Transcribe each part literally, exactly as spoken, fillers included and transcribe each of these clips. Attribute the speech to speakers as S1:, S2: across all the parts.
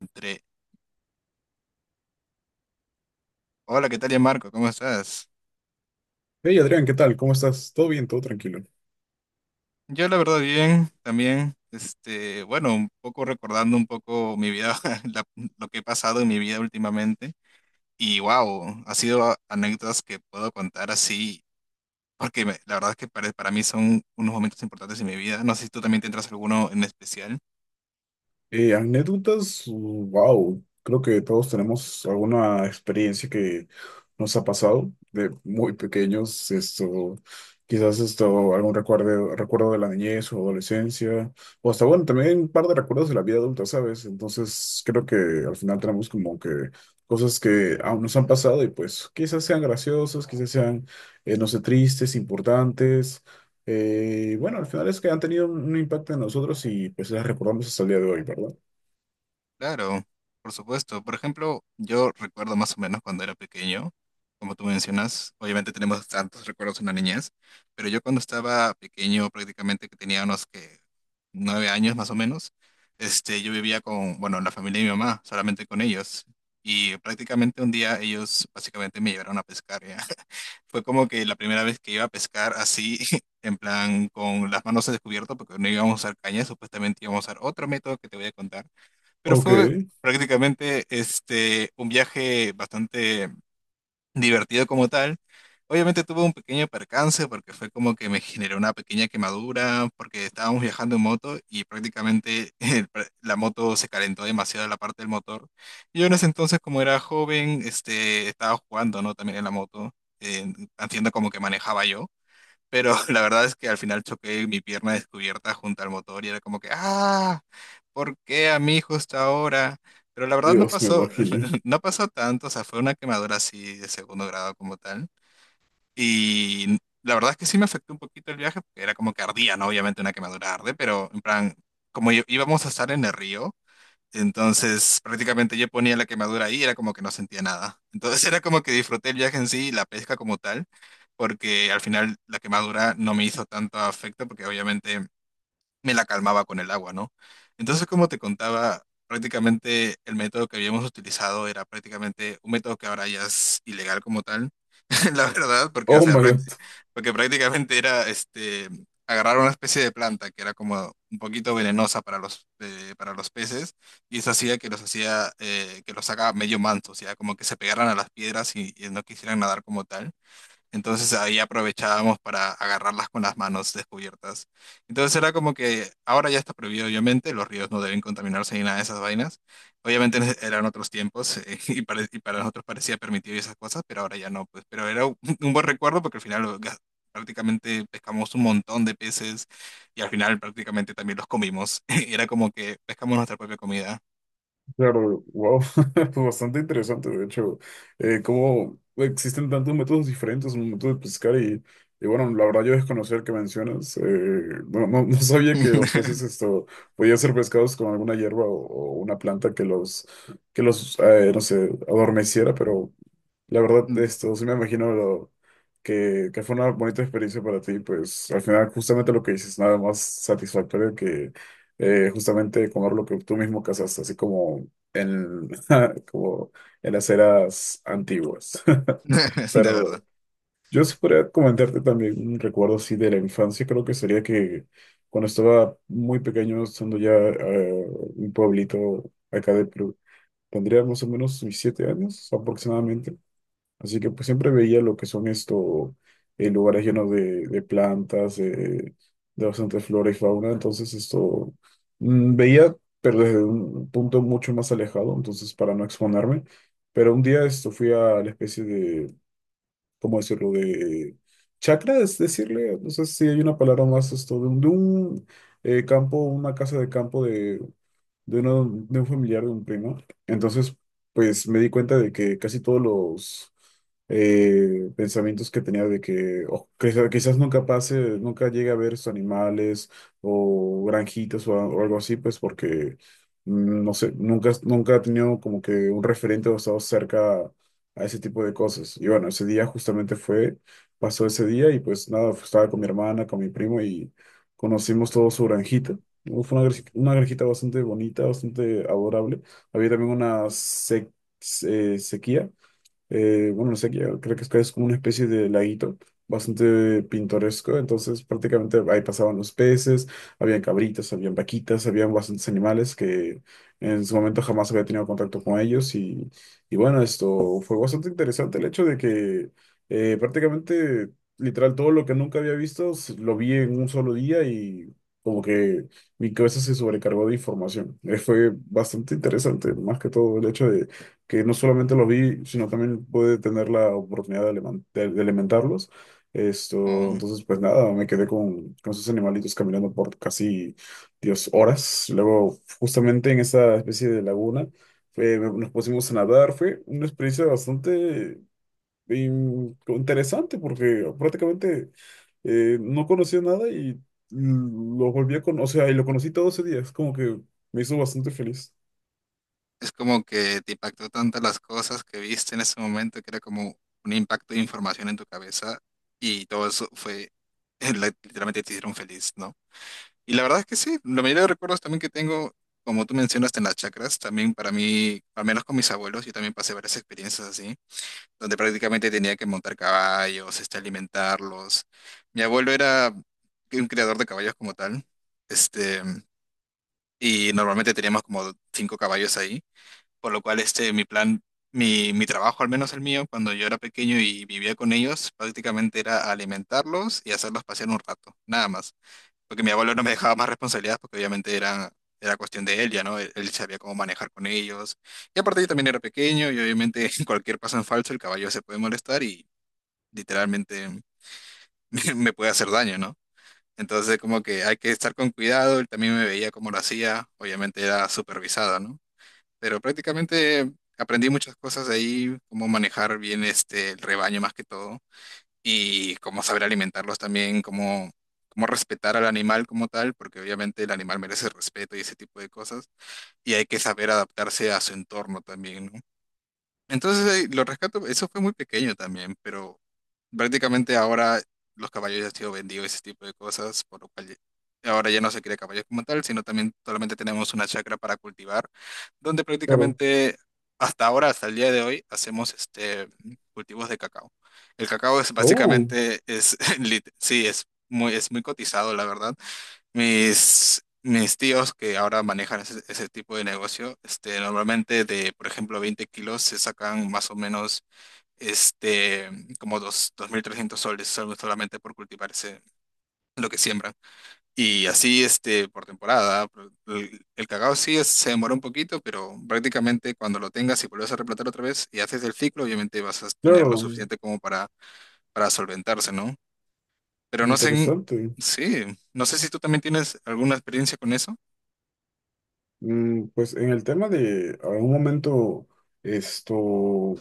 S1: Entre, hola, ¿qué tal, ya Marco? ¿Cómo estás?
S2: Hey Adrián, ¿qué tal? ¿Cómo estás? ¿Todo bien? ¿Todo tranquilo?
S1: Yo la verdad bien, también, este, bueno, un poco recordando un poco mi vida, la- lo que he pasado en mi vida últimamente, y wow, ha sido anécdotas que puedo contar así, porque me- la verdad es que para, para mí son unos momentos importantes en mi vida, no sé si tú también tendrás alguno en especial.
S2: Eh, anécdotas, wow, creo que todos tenemos alguna experiencia que nos ha pasado de muy pequeños, esto, quizás esto, algún recuerdo, recuerdo de la niñez o adolescencia, o hasta bueno, también un par de recuerdos de la vida adulta, ¿sabes? Entonces creo que al final tenemos como que cosas que aún nos han pasado y pues quizás sean graciosas, quizás sean, eh, no sé, tristes, importantes. Eh, bueno, al final es que han tenido un, un impacto en nosotros y pues las recordamos hasta el día de hoy, ¿verdad?
S1: Claro, por supuesto. Por ejemplo, yo recuerdo más o menos cuando era pequeño, como tú mencionas, obviamente tenemos tantos recuerdos en la niñez, pero yo cuando estaba pequeño, prácticamente que tenía unos que nueve años más o menos, este, yo vivía con, bueno, la familia de mi mamá, solamente con ellos. Y prácticamente un día ellos básicamente me llevaron a pescar, ¿ya? Fue como que la primera vez que iba a pescar así, en plan con las manos descubiertas, porque no íbamos a usar caña, supuestamente íbamos a usar otro método que te voy a contar. Pero
S2: Ok,
S1: fue prácticamente este, un viaje bastante divertido como tal. Obviamente tuve un pequeño percance porque fue como que me generó una pequeña quemadura porque estábamos viajando en moto y prácticamente el pr- la moto se calentó demasiado la parte del motor. Y yo en ese entonces como era joven, este, estaba jugando, ¿no? También en la moto, eh, haciendo como que manejaba yo. Pero la verdad es que al final choqué mi pierna descubierta junto al motor y era como que, ah, ¿por qué a mí justo ahora? Pero la verdad no
S2: Dios, me
S1: pasó,
S2: imagino.
S1: no pasó tanto, o sea, fue una quemadura así de segundo grado como tal. Y la verdad es que sí me afectó un poquito el viaje, porque era como que ardía, ¿no? Obviamente una quemadura arde, pero en plan, como i- íbamos a estar en el río, entonces, prácticamente yo ponía la quemadura ahí y era como que no sentía nada. Entonces, era como que disfruté el viaje en sí y la pesca como tal, porque al final la quemadura no me hizo tanto afecto porque obviamente me la calmaba con el agua, ¿no? Entonces, como te contaba, prácticamente el método que habíamos utilizado era prácticamente un método que ahora ya es ilegal como tal, la verdad, porque, o
S2: Oh
S1: sea,
S2: my
S1: prácti-
S2: God,
S1: porque prácticamente era este, agarrar una especie de planta que era como un poquito venenosa para los, eh, para los peces, y eso hacía que los hacía, eh, que los sacaba medio mansos, o sea, como que se pegaran a las piedras y, y no quisieran nadar como tal. Entonces ahí aprovechábamos para agarrarlas con las manos descubiertas. Entonces era como que ahora ya está prohibido, obviamente, los ríos no deben contaminarse ni nada de esas vainas. Obviamente eran otros tiempos, eh, y, pare- y para nosotros parecía permitido y esas cosas, pero ahora ya no, pues. Pero era un un buen recuerdo porque al final lo gas- prácticamente pescamos un montón de peces y al final prácticamente también los comimos. Era como que pescamos nuestra propia comida.
S2: claro, wow, fue bastante interesante, de hecho, eh, cómo existen tantos métodos diferentes, un método de pescar y, y bueno, la verdad yo desconocer que mencionas, eh, no, no, no sabía que los peces esto podían ser pescados con alguna hierba o, o una planta que los, que los, eh, no sé, adormeciera, pero... La verdad, esto sí me imagino lo, que, que fue una bonita experiencia para ti, pues al final justamente lo que dices, nada más satisfactorio que eh, justamente comer lo que tú mismo cazaste, así como en, como en las eras antiguas.
S1: De verdad.
S2: Pero yo sí podría comentarte también un recuerdo así de la infancia, creo que sería que cuando estaba muy pequeño, estando ya eh, un pueblito acá de Perú, tendría más o menos mis siete años aproximadamente. Así que pues siempre veía lo que son estos lugares llenos de, de plantas, de de bastante flora y fauna. Entonces esto mm, veía, pero desde un punto mucho más alejado, entonces para no exponerme. Pero un día esto fui a la especie de, ¿cómo decirlo? De chacra, es decirle, no sé si hay una palabra más, esto, de un, de un, eh, campo, una casa de campo de, uno, de un familiar, de un primo. Entonces, pues me di cuenta de que casi todos los eh, pensamientos que tenía de que oh, quizá- quizás, nunca pase, nunca llegue a ver estos animales o granjitas o, a- o algo así, pues porque, mm, no sé, nunca, nunca he tenido como que un referente o estado cerca a ese tipo de cosas. Y bueno, ese día justamente fue, pasó ese día y pues nada, estaba con mi hermana, con mi primo y conocimos todo su granjita. Fue una, granja- una granjita bastante bonita, bastante adorable. Había también una sec- eh, sequía eh, bueno, no sé, qué, creo que es que es como una especie de laguito bastante pintoresco, entonces prácticamente ahí pasaban los peces, habían cabritas, habían vaquitas, habían bastantes animales que en su momento jamás había tenido contacto con ellos y, y bueno, esto fue bastante interesante el hecho de que eh, prácticamente, literal, todo lo que nunca había visto s- lo vi en un solo día y como que mi cabeza se sobrecargó de información. Eh, fue bastante interesante, más que todo el hecho de que no solamente lo vi, sino también pude tener la oportunidad de, alimen- de- de alimentarlos. Esto,
S1: Oh.
S2: entonces, pues nada, me quedé con, con esos animalitos caminando por casi, Dios, horas. Luego, justamente en esa especie de laguna, eh, nos pusimos a nadar. Fue una experiencia bastante in- interesante porque prácticamente eh, no conocía nada y lo volví a conocer, o sea, y lo conocí todo ese día. Es como que me hizo bastante feliz.
S1: Es como que te impactó tantas las cosas que viste en ese momento que era como un impacto de información en tu cabeza y todo eso fue, la- literalmente te hicieron feliz, ¿no? Y la verdad es que sí, la mayoría de recuerdos también que tengo, como tú mencionaste en las chacras, también para mí, al menos con mis abuelos, yo también pasé varias experiencias así, donde prácticamente tenía que montar caballos, este, alimentarlos. Mi abuelo era un criador de caballos como tal, este, y normalmente teníamos como cinco caballos ahí, por lo cual este, mi plan, mi, mi trabajo, al menos el mío, cuando yo era pequeño y vivía con ellos, prácticamente era alimentarlos y hacerlos pasear un rato, nada más. Porque mi abuelo no me dejaba más responsabilidades porque obviamente era, era cuestión de él ya, ¿no? Él, él sabía cómo manejar con ellos. Y aparte yo también era pequeño y obviamente cualquier paso en falso el caballo se puede molestar y literalmente me, me puede hacer daño, ¿no? Entonces como que hay que estar con cuidado, él también me veía cómo lo hacía, obviamente era supervisada, ¿no?, pero prácticamente aprendí muchas cosas de ahí, cómo manejar bien este, el rebaño más que todo, y cómo saber alimentarlos también, cómo, cómo respetar al animal como tal, porque obviamente el animal merece respeto y ese tipo de cosas, y hay que saber adaptarse a su entorno también, ¿no? Entonces, eh, lo rescato, eso fue muy pequeño también, pero prácticamente ahora los caballos ya han sido vendidos, ese tipo de cosas, por lo cual ya- ahora ya no se quiere caballos como tal, sino también solamente tenemos una chacra para cultivar, donde
S2: Claro.
S1: prácticamente hasta ahora, hasta el día de hoy, hacemos este cultivos de cacao. El cacao es
S2: Oh,
S1: básicamente, es, lit- sí, es muy, es muy cotizado, la verdad. Mis, mis tíos que ahora manejan ese, ese tipo de negocio, este, normalmente de, por ejemplo, veinte kilos se sacan más o menos, este, como dos, dos mil trescientos soles, solo- solamente por cultivar ese- lo que siembran. Y así, este, por temporada. por- El, el cacao sí es- se demora un poquito, pero prácticamente cuando lo tengas y vuelves a replantar otra vez y haces el ciclo, obviamente vas a tener lo
S2: claro.
S1: suficiente como para, para solventarse, ¿no? Pero no sé, en-
S2: Interesante.
S1: sí, no sé si tú también tienes alguna experiencia con eso.
S2: Mm, pues en el tema de algún momento, esto,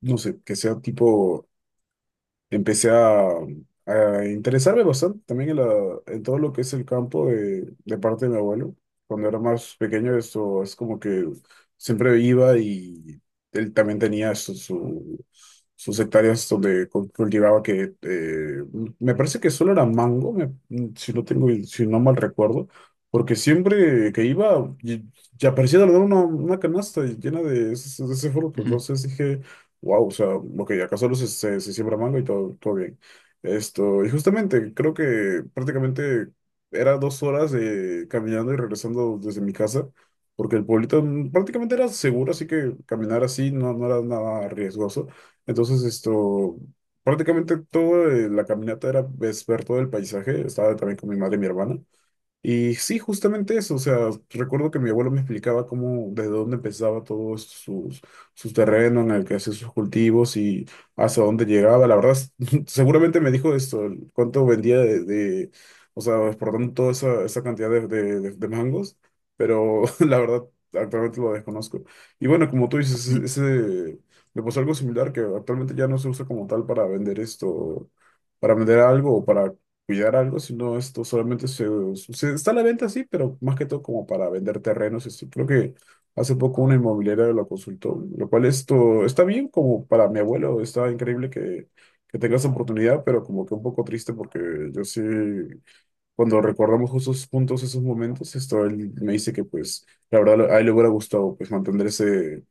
S2: no sé, que sea tipo empecé a, a interesarme bastante también en, la- en todo lo que es el campo de, de parte de mi abuelo. Cuando era más pequeño, eso es como que siempre iba y él también tenía su, su- sus hectáreas donde cu- cultivaba que eh, me parece que solo era mango, me- mm, si no tengo, si no mal recuerdo, porque siempre que iba y- ya aparecía de la nada una, una canasta llena de ese, de ese fruto. Entonces dije wow, o sea, ok, acá solo se, se, se siembra mango y todo, todo bien. Esto, y justamente creo que prácticamente era dos horas eh, caminando y regresando desde mi casa, porque el pueblito mm, prácticamente era seguro, así que caminar así no, no era nada riesgoso. Entonces, esto, prácticamente toda eh, la caminata era ves, ver todo el paisaje, estaba también con mi madre y mi hermana. Y sí, justamente eso, o sea, recuerdo que mi abuelo me explicaba cómo, desde dónde empezaba todo esto, sus, su terreno en el que hacía sus cultivos y hasta dónde llegaba, la verdad, es- seguramente me dijo esto, el cuánto vendía de, de, o sea, exportando toda esa, esa cantidad de, de, de- de mangos, pero la verdad, actualmente lo desconozco. Y bueno, como tú dices, ese, ese- me pasó algo similar que actualmente ya no se usa como tal para vender esto, para vender algo o para cuidar algo, sino esto solamente se, se- está a la venta, sí, pero más que todo como para vender terrenos. Esto. Creo que hace poco una inmobiliaria lo consultó, lo cual esto está bien como para mi abuelo, está increíble que, que tenga esa oportunidad, pero como que un poco triste porque yo sí, cuando recordamos justo esos puntos, esos momentos, esto él me dice que pues la verdad a él le hubiera gustado pues mantener ese...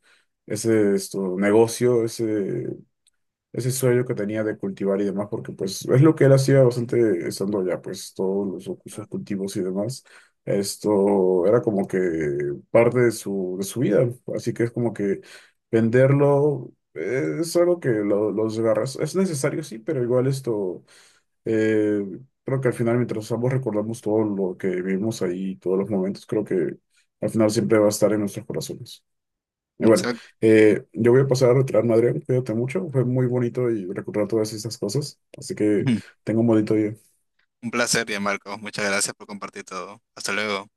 S2: Ese esto, negocio, ese, ese sueño que tenía de cultivar y demás, porque pues es lo que él hacía bastante estando allá, pues todos los, cu- sus
S1: Claro.
S2: cultivos y demás. Esto era como que parte de su, de su vida, así que es como que venderlo eh, es algo que lo- los agarras es necesario, sí, pero igual esto, eh, creo que al final mientras ambos recordamos todo lo que vivimos ahí, todos los momentos, creo que al final siempre va a estar en nuestros corazones. Y bueno,
S1: Exacto.
S2: eh, yo voy a pasar a retirarme, Adrián. Cuídate mucho. Fue muy bonito y recordar todas estas cosas. Así que tengo un bonito día.
S1: Un placer, ya Marcos. Muchas gracias por compartir todo. Hasta luego.